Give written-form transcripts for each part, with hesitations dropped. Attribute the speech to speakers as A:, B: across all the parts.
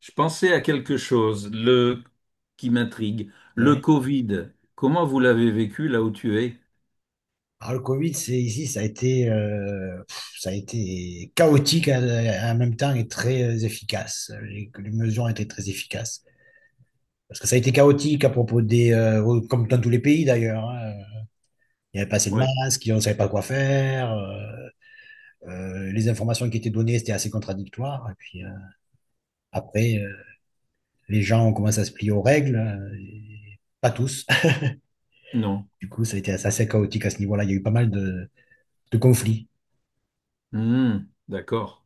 A: Je pensais à quelque chose, le qui m'intrigue, le
B: Ouais.
A: Covid. Comment vous l'avez vécu là où tu es?
B: Alors, le Covid, c'est ici, ça a été chaotique en même temps et très efficace. Les mesures ont été très efficaces. Parce que ça a été chaotique à propos comme dans tous les pays d'ailleurs, hein. Il n'y avait pas assez de
A: Ouais,
B: masques, on ne savait pas quoi faire. Les informations qui étaient données, c'était assez contradictoire. Et puis après, les gens ont commencé à se plier aux règles. Et pas tous.
A: non.
B: Du coup, ça a été assez chaotique à ce niveau-là. Il y a eu pas mal de conflits.
A: Hmm, d'accord.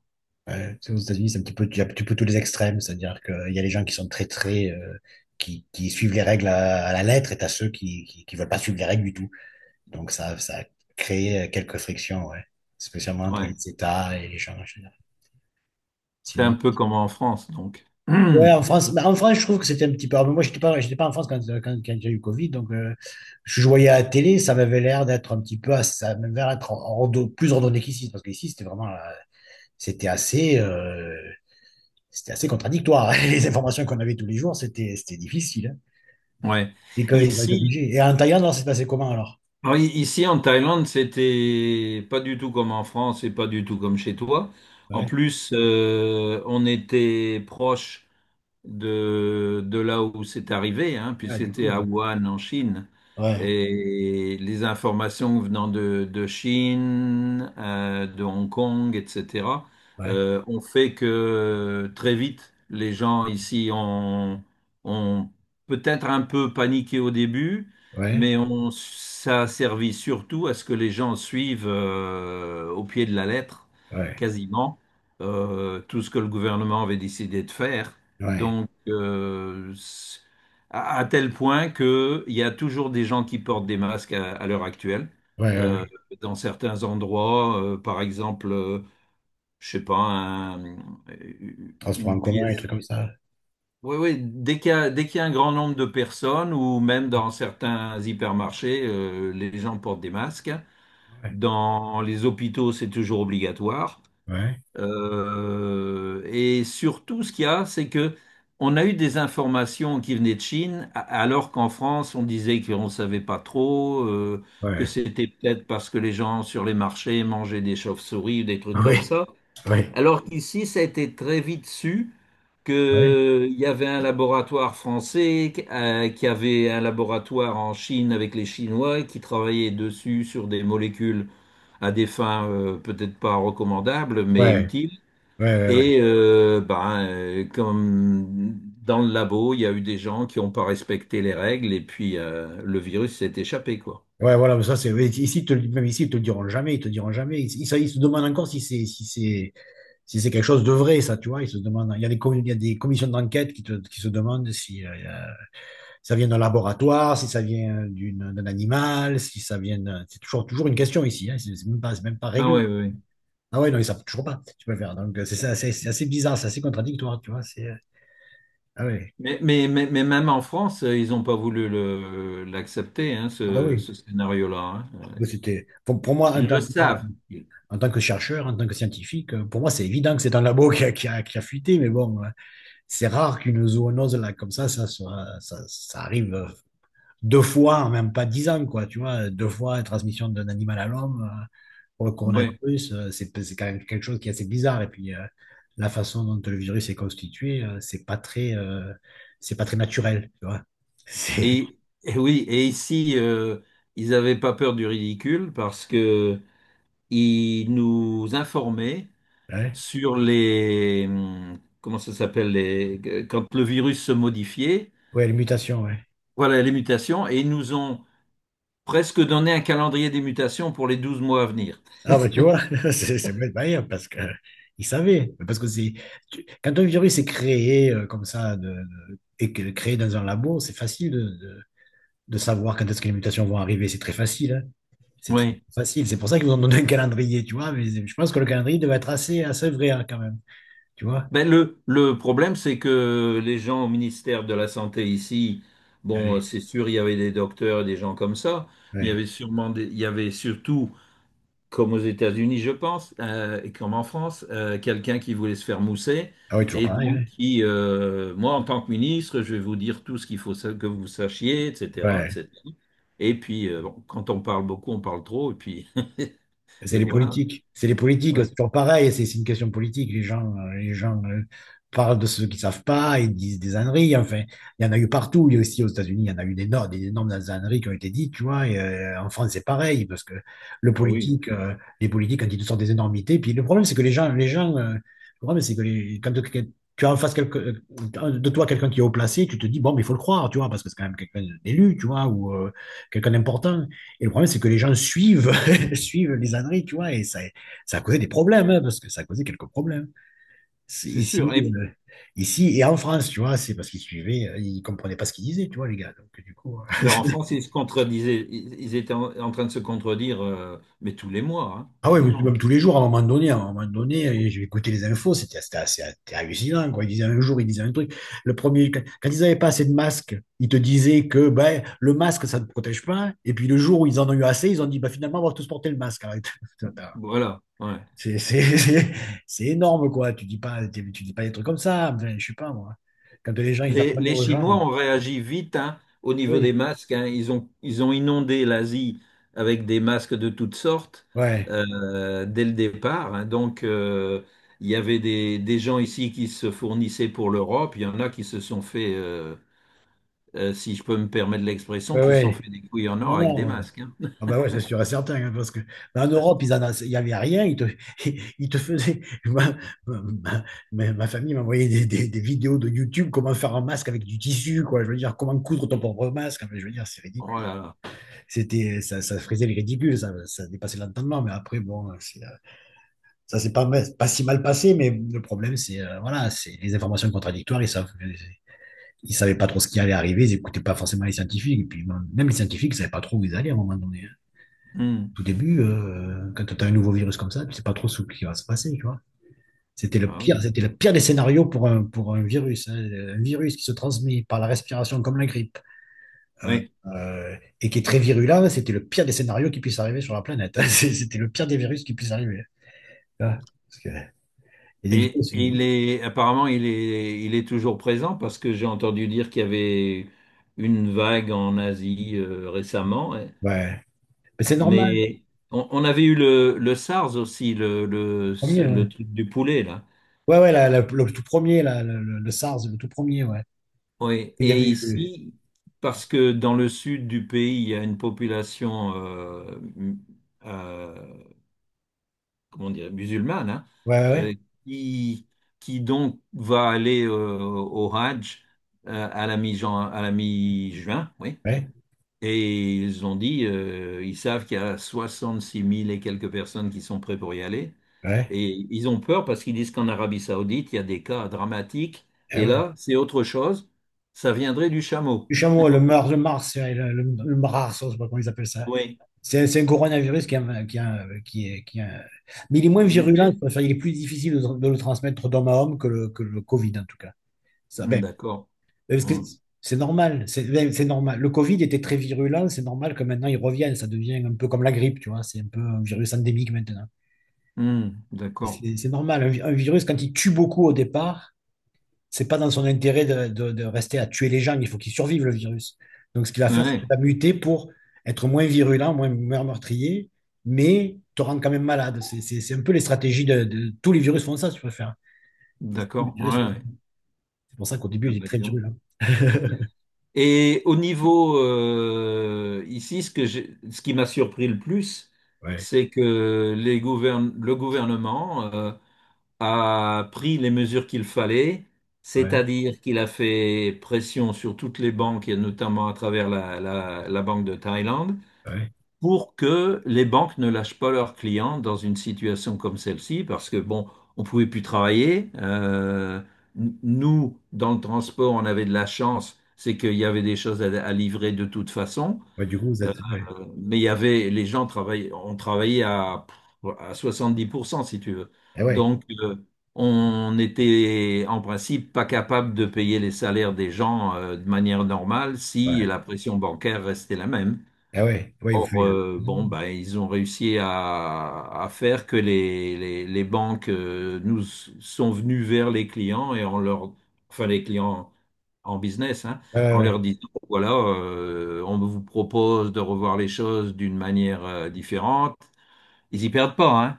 B: Ouais, c'est aux États-Unis, c'est un petit peu, tu as un petit peu tous les extrêmes, c'est-à-dire qu'il y a les gens qui sont très, très, qui suivent les règles à la lettre et t'as ceux qui veulent pas suivre les règles du tout. Donc ça a créé quelques frictions, ouais. Spécialement entre les
A: Ouais,
B: États et les gens, en général.
A: c'est un
B: Sinon.
A: peu comme en France, donc.
B: Ouais, en France, bah, en France, je trouve que c'était un petit peu. Alors, moi, j'étais pas en France quand il y a eu Covid, donc je voyais à la télé, ça m'avait l'air d'être un petit peu, ça m'avait l'air d'être plus ordonné qu'ici, parce qu'ici, c'était assez. euh, c'était assez contradictoire. Les informations qu'on avait tous les jours, c'était difficile, hein.
A: Hmm, ouais.
B: Et quand ils ont été
A: Ici,
B: obligés. Et en Thaïlande, alors, c'est passé comment alors?
A: alors, ici en Thaïlande, c'était pas du tout comme en France et pas du tout comme chez toi. En
B: Ouais,
A: plus, on était proche de là où c'est arrivé, hein, puisque
B: ouais, du
A: c'était
B: coup.
A: à Wuhan en Chine.
B: Ouais,
A: Et les informations venant de Chine, de Hong Kong, etc.,
B: ouais,
A: ont fait que très vite, les gens ici ont peut-être un peu paniqué au début,
B: ouais,
A: mais ça a servi surtout à ce que les gens suivent, au pied de la lettre,
B: ouais,
A: quasiment, tout ce que le gouvernement avait décidé de faire.
B: ouais,
A: Donc, à tel point qu'il y a toujours des gens qui portent des masques à l'heure actuelle.
B: ouais, ouais.
A: Euh,
B: Ouais.
A: dans certains endroits, par exemple, je sais pas,
B: Transport en
A: une
B: commun, et trucs
A: pièce.
B: comme ça.
A: Oui, oui, dès qu'il y a un grand nombre de personnes, ou même dans certains hypermarchés, les gens portent des masques.
B: Ouais,
A: Dans les hôpitaux, c'est toujours obligatoire.
B: ouais,
A: Et surtout, ce qu'il y a, c'est que on a eu des informations qui venaient de Chine, alors qu'en France, on disait qu'on ne savait pas trop, que
B: ouais,
A: c'était peut-être parce que les gens sur les marchés mangeaient des chauves-souris ou des trucs comme
B: ouais,
A: ça.
B: ouais, ouais,
A: Alors qu'ici, ça a été très vite su
B: ouais.
A: qu'il y avait un laboratoire français, qui avait un laboratoire en Chine avec les Chinois qui travaillaient dessus sur des molécules à des fins, peut-être pas recommandables, mais
B: Ouais,
A: utiles.
B: ouais, ouais.
A: Et, ben, comme dans le labo, il y a eu des gens qui n'ont pas respecté les règles et puis le virus s'est échappé, quoi.
B: Ouais, voilà, mais ça, c'est, mais ici, même ici, ils te le diront jamais, ils te le diront jamais. Ils se demandent encore si c'est quelque chose de vrai, ça, tu vois. Ils se demandent, il y a des, com- il y a des commissions d'enquête qui te, qui se demandent si, ça vient d'un laboratoire, si ça vient d'un animal, si ça vient C'est toujours, toujours une question ici, hein, c'est même pas, c'est même pas
A: Ah
B: réglé.
A: ouais, ouais, ouais.
B: Ah ouais, non, ils savent toujours pas, tu peux le faire. Donc, c'est ça, c'est assez bizarre, c'est assez contradictoire, tu vois. Ah ouais,
A: Mais même en France, ils n'ont pas voulu l'accepter, hein,
B: ah bah oui.
A: ce scénario-là. Hein. Euh,
B: Bah, pour moi, en
A: Ils
B: tant,
A: le
B: en tant-
A: savent.
B: en tant que chercheur, en tant que scientifique, pour moi, c'est évident que c'est un labo qui a fuité, mais bon, c'est rare qu'une zoonose là, comme ça, soit, ça arrive deux fois en même pas dix ans, quoi, tu vois, deux fois la transmission d'un animal à l'homme. Pour le
A: Ouais.
B: coronavirus, c'est quand même quelque chose qui est assez bizarre. Et puis, la façon dont le virus est constitué, c'est pas très naturel, tu vois. C'est,
A: Et, et oui, et ici, ils n'avaient pas peur du ridicule parce que ils nous informaient
B: ouais,
A: sur les, comment ça s'appelle, les, quand le virus se modifiait,
B: ouais, les mutations, ouais.
A: voilà les mutations, et ils nous ont presque donné un calendrier des mutations pour les 12 mois à venir.
B: Ah bah tu vois, c'est bête manière parce que ils savaient, parce que quand un virus est créé comme ça créé dans un labo, c'est facile de savoir quand est-ce que les mutations vont arriver, c'est très facile, hein. C'est très
A: Oui.
B: facile, c'est pour ça qu'ils vous ont donné un calendrier, tu vois, mais je pense que le calendrier devait être assez, assez vrai hein, quand même, tu vois.
A: Ben le problème, c'est que les gens au ministère de la Santé ici, bon,
B: Allez,
A: c'est sûr, il y avait des docteurs et des gens comme ça, mais il y
B: ouais.
A: avait sûrement il y avait surtout comme aux États-Unis, je pense, et comme en France, quelqu'un qui voulait se faire mousser.
B: Ah oui, toujours
A: Et
B: pareil,
A: donc,
B: ouais.
A: qui, moi, en tant que ministre, je vais vous dire tout ce qu'il faut que vous sachiez, etc., et
B: Ouais,
A: cetera. Et puis, bon, quand on parle beaucoup, on parle trop, et puis,
B: c'est
A: et
B: les
A: voilà.
B: politiques. C'est les politiques. C'est
A: Oui.
B: toujours pareil. C'est une question politique. Les gens parlent de ceux qui savent pas et disent des âneries. Enfin, il y en a eu partout. Il y a aussi aux États-Unis, il y en a eu des, no- des énormes âneries qui ont été dites, tu vois. Et, en France, c'est pareil parce que le
A: Ah oui,
B: politique, euh, les politiques, quand ils te sortent des énormités, puis le problème, c'est que le problème, c'est que quand tu as en face de toi quelqu'un qui est haut placé, tu te dis, bon, mais il faut le croire, tu vois, parce que c'est quand même quelqu'un d'élu, tu vois, ou quelqu'un d'important. Et le problème, c'est que les gens suivent suivent les âneries, tu vois, et ça a causé des problèmes, hein, parce que ça a causé quelques problèmes. C'est
A: c'est
B: Ici,
A: sûr. Et
B: euh, ici et en France, tu vois, c'est parce qu'ils suivaient, ils comprenaient pas ce qu'ils disaient, tu vois, les gars. Donc, du coup,
A: ben, en France, ils se contredisaient, ils étaient en train de se contredire, mais tous les mois, hein,
B: Ah ouais,
A: quasiment.
B: même tous les jours, à un moment donné, à un moment donné, j'ai écouté les infos, c'était hallucinant, quoi. Ils disaient un jour, ils disaient un truc. Le premier, quand ils n'avaient pas assez de masques, ils te disaient que ben, le masque, ça ne te protège pas. Et puis le jour où ils en ont eu assez, ils ont dit, bah, finalement, on va tous porter le masque. Arrête.
A: Voilà. Ouais.
B: C'est c'est- c'est- c'est énorme, quoi. Tu dis pas des trucs comme ça. Je sais pas, moi. Quand les gens, ils apprennent
A: Les
B: aux gens.
A: Chinois ont réagi vite, hein, au niveau des
B: Oui.
A: masques. Hein. Ils ont inondé l'Asie avec des masques de toutes sortes,
B: Ouais.
A: dès le départ. Hein. Donc, il y avait des gens ici qui se fournissaient pour l'Europe. Il y en a qui se sont fait, si je peux me permettre l'expression,
B: Ouais,
A: qui se sont
B: ouais.
A: fait des couilles en
B: Non,
A: or avec des
B: non. Ouais.
A: masques. Hein.
B: Ah bah ouais, c'est sûr et certain, hein, parce que bah, en Europe, il n'y avait rien. Ils te, ils te faisaient. Ma- ma famille m'envoyait des vidéos de YouTube, comment faire un masque avec du tissu, quoi. Je veux dire, comment coudre ton propre masque. Enfin, je veux dire, c'est
A: Oh
B: ridicule.
A: là là.
B: C'était, ça frisait le ridicule. Ça dépassait l'entendement. Mais après, bon, c'est. Ça s'est pas si mal passé, mais le problème, c'est voilà, c'est les informations contradictoires. Ils savaient pas trop ce qui allait arriver, ils n'écoutaient pas forcément les scientifiques. Et puis même les scientifiques ne savaient pas trop où ils allaient à un moment donné, hein.
A: Hmm.
B: Tout début, quand tu as un nouveau virus comme ça, tu sais pas trop ce qui va se passer, tu vois.
A: Ah oui.
B: C'était le pire des scénarios pour un virus, hein. Un virus qui se transmet par la respiration comme la grippe euh,
A: Oui.
B: et qui est très virulent, c'était le pire des scénarios qui puisse arriver sur la planète, hein. C'était le pire des virus qui puisse arriver, hein, tu vois. Parce que, il y a des
A: Et
B: virus,
A: il est apparemment il est toujours présent parce que j'ai entendu dire qu'il y avait une vague en Asie, récemment. Ouais.
B: ouais. Mais c'est normal,
A: Mais on avait eu le SARS aussi,
B: le premier, ouais.
A: le truc du poulet là.
B: Ouais, ouais, le tout premier, le SARS, le tout premier, ouais.
A: Oui.
B: Il y
A: Et
B: avait eu.
A: ici, parce que dans le sud du pays, il y a une population, euh, comment dire, musulmane, hein,
B: Ouais, ouais, ouais,
A: euh, qui, qui donc va aller, au Hajj, à la mi-juin, oui.
B: ouais.
A: Et ils ont dit, ils savent qu'il y a 66 000 et quelques personnes qui sont prêtes pour y aller.
B: Ouais,
A: Et ils ont peur parce qu'ils disent qu'en Arabie Saoudite, il y a des cas dramatiques.
B: eh
A: Et
B: ouais.
A: là, c'est autre chose. Ça viendrait du chameau.
B: Le chameau, le mars, ouais, le mars, je sais pas comment ils appellent ça.
A: Oui.
B: C'est un coronavirus qui, est qui, est qui est, qui est Mais il est moins
A: Qui est
B: virulent,
A: muté?
B: quoi. Enfin, il est plus difficile de le transmettre d'homme à homme que le Covid, en tout cas. Ça,
A: Hmm,
B: ben,
A: d'accord.
B: parce que
A: Hum.
B: c'est normal, c'est ben, c'est normal. Le Covid était très virulent, c'est normal que maintenant il revienne. Ça devient un peu comme la grippe, tu vois. C'est un peu un virus endémique maintenant.
A: D'accord.
B: C'est normal. Un virus, quand il tue beaucoup au départ, c'est pas dans son intérêt de rester à tuer les gens. Il faut qu'il survive, le virus. Donc, ce qu'il va faire, c'est
A: Ouais.
B: qu'il va muter pour être moins virulent, moins, moins meurtrier, mais te rendre quand même malade. C'est un peu les stratégies Tous les virus font ça, si tu préfères. Et tous les
A: D'accord.
B: virus
A: Ouais, ouais.
B: C'est pour ça qu'au début,
A: Ah
B: il est
A: bah dis
B: très
A: donc.
B: virulent.
A: Et au niveau, ici, ce qui m'a surpris le plus,
B: Ouais,
A: c'est que le gouvernement a pris les mesures qu'il fallait,
B: ouais,
A: c'est-à-dire qu'il a fait pression sur toutes les banques, et notamment à travers la Banque de Thaïlande,
B: ouais.
A: pour que les banques ne lâchent pas leurs clients dans une situation comme celle-ci, parce que bon, on pouvait plus travailler. Nous, dans le transport, on avait de la chance, c'est qu'il y avait des choses à livrer de toute façon.
B: Ouais, du coup, vous
A: Euh,
B: êtes. Ouais.
A: mais il y avait les gens travaillaient, on travaillait à 70% si tu veux.
B: Eh ouais,
A: Donc on était en principe pas capable de payer les salaires des gens, de manière normale si
B: ouais.
A: la pression bancaire restait la même.
B: Eh ouais, ouais, vous faites.
A: Or,
B: Ouais,
A: bon, ben, ils ont réussi à faire que les banques, sont venues vers les clients et en leur, enfin les clients en business, hein,
B: ouais,
A: en leur
B: ouais.
A: disant, voilà, on vous propose de revoir les choses d'une manière, différente. Ils y perdent pas, hein,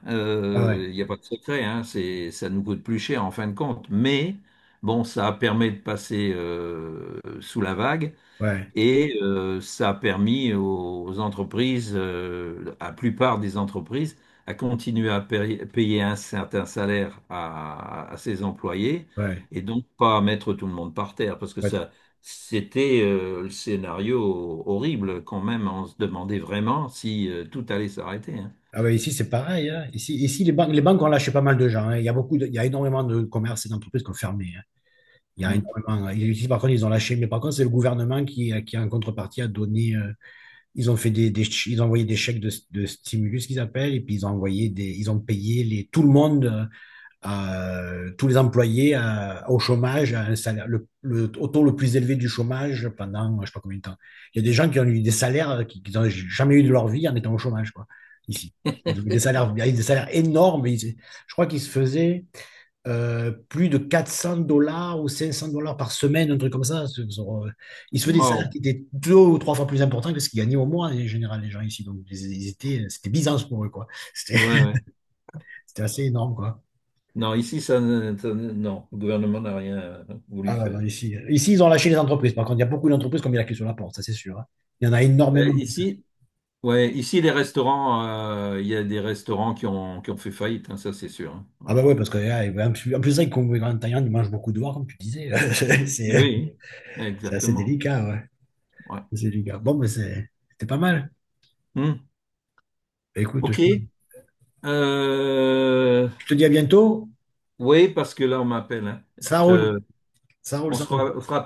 B: Ah ouais,
A: il n'y a pas de secret, hein, c'est, ça nous coûte plus cher en fin de compte. Mais bon, ça permet de passer, sous la vague.
B: ouais,
A: Et ça a permis aux entreprises, à la plupart des entreprises, à continuer à payer un certain salaire à ses employés
B: ouais.
A: et donc pas mettre tout le monde par terre parce que
B: Ouais.
A: ça, c'était, le scénario horrible quand même. On se demandait vraiment si tout allait s'arrêter. Hein.
B: Ah ouais, ici, c'est pareil, hein. Ici, ici les banques ont lâché pas mal de gens, hein. Il y a beaucoup il y a énormément de commerces et d'entreprises qui ont fermé, hein. Il y a
A: Mm.
B: énormément. Ici, par contre, ils ont lâché. Mais par contre, c'est le gouvernement qui, en contrepartie, a donné. Ils ont fait ils ont envoyé des chèques de stimulus qu'ils appellent, et puis ils ont payé tout le monde. Tous les employés au chômage, à un salaire, au taux le plus élevé du chômage pendant je ne sais pas combien de temps. Il y a des gens qui ont eu des salaires qu'ils qui n'ont jamais eu de leur vie en étant au chômage, quoi, ici. Ils ont eu des salaires énormes. Je crois qu'ils se faisaient plus de $400 ou $500 par semaine, un truc comme ça. euh, Ils se faisaient des salaires
A: Wow.
B: qui étaient deux ou trois fois plus importants que ce qu'ils gagnaient au mois, en général, les gens ici. Donc, ils étaient, c'était Byzance pour eux, quoi. C'était
A: Ouais, ouais.
B: c'était assez énorme, quoi.
A: Non, ici, ça ne- non, le gouvernement n'a rien voulu
B: Ah ouais, non,
A: faire.
B: ici, ici, ils ont lâché les entreprises. Par contre, il y a beaucoup d'entreprises qui ont mis la clé sur la porte, ça c'est sûr, hein. Il y en a
A: Euh,
B: énormément.
A: ici, Ouais, ici les restaurants, il y a des restaurants qui ont fait faillite, hein, ça c'est sûr. Hein. Ouais.
B: Ah bah ouais, parce que ah, et ben, en plus, c'est vrai qu'en Thaïlande, ils mangent beaucoup dehors, comme tu disais. C'est
A: Oui,
B: c'est assez
A: exactement.
B: délicat, ouais.
A: Ouais.
B: C'est délicat. Bon, mais c'était pas mal.
A: Hmm.
B: Bah, écoute, je,
A: Ok. Euh,
B: je te dis à bientôt.
A: oui, parce que là on m'appelle. Hein. Je
B: Ça roule.
A: te...
B: Ça roule,
A: On
B: ça
A: se
B: roule.
A: fera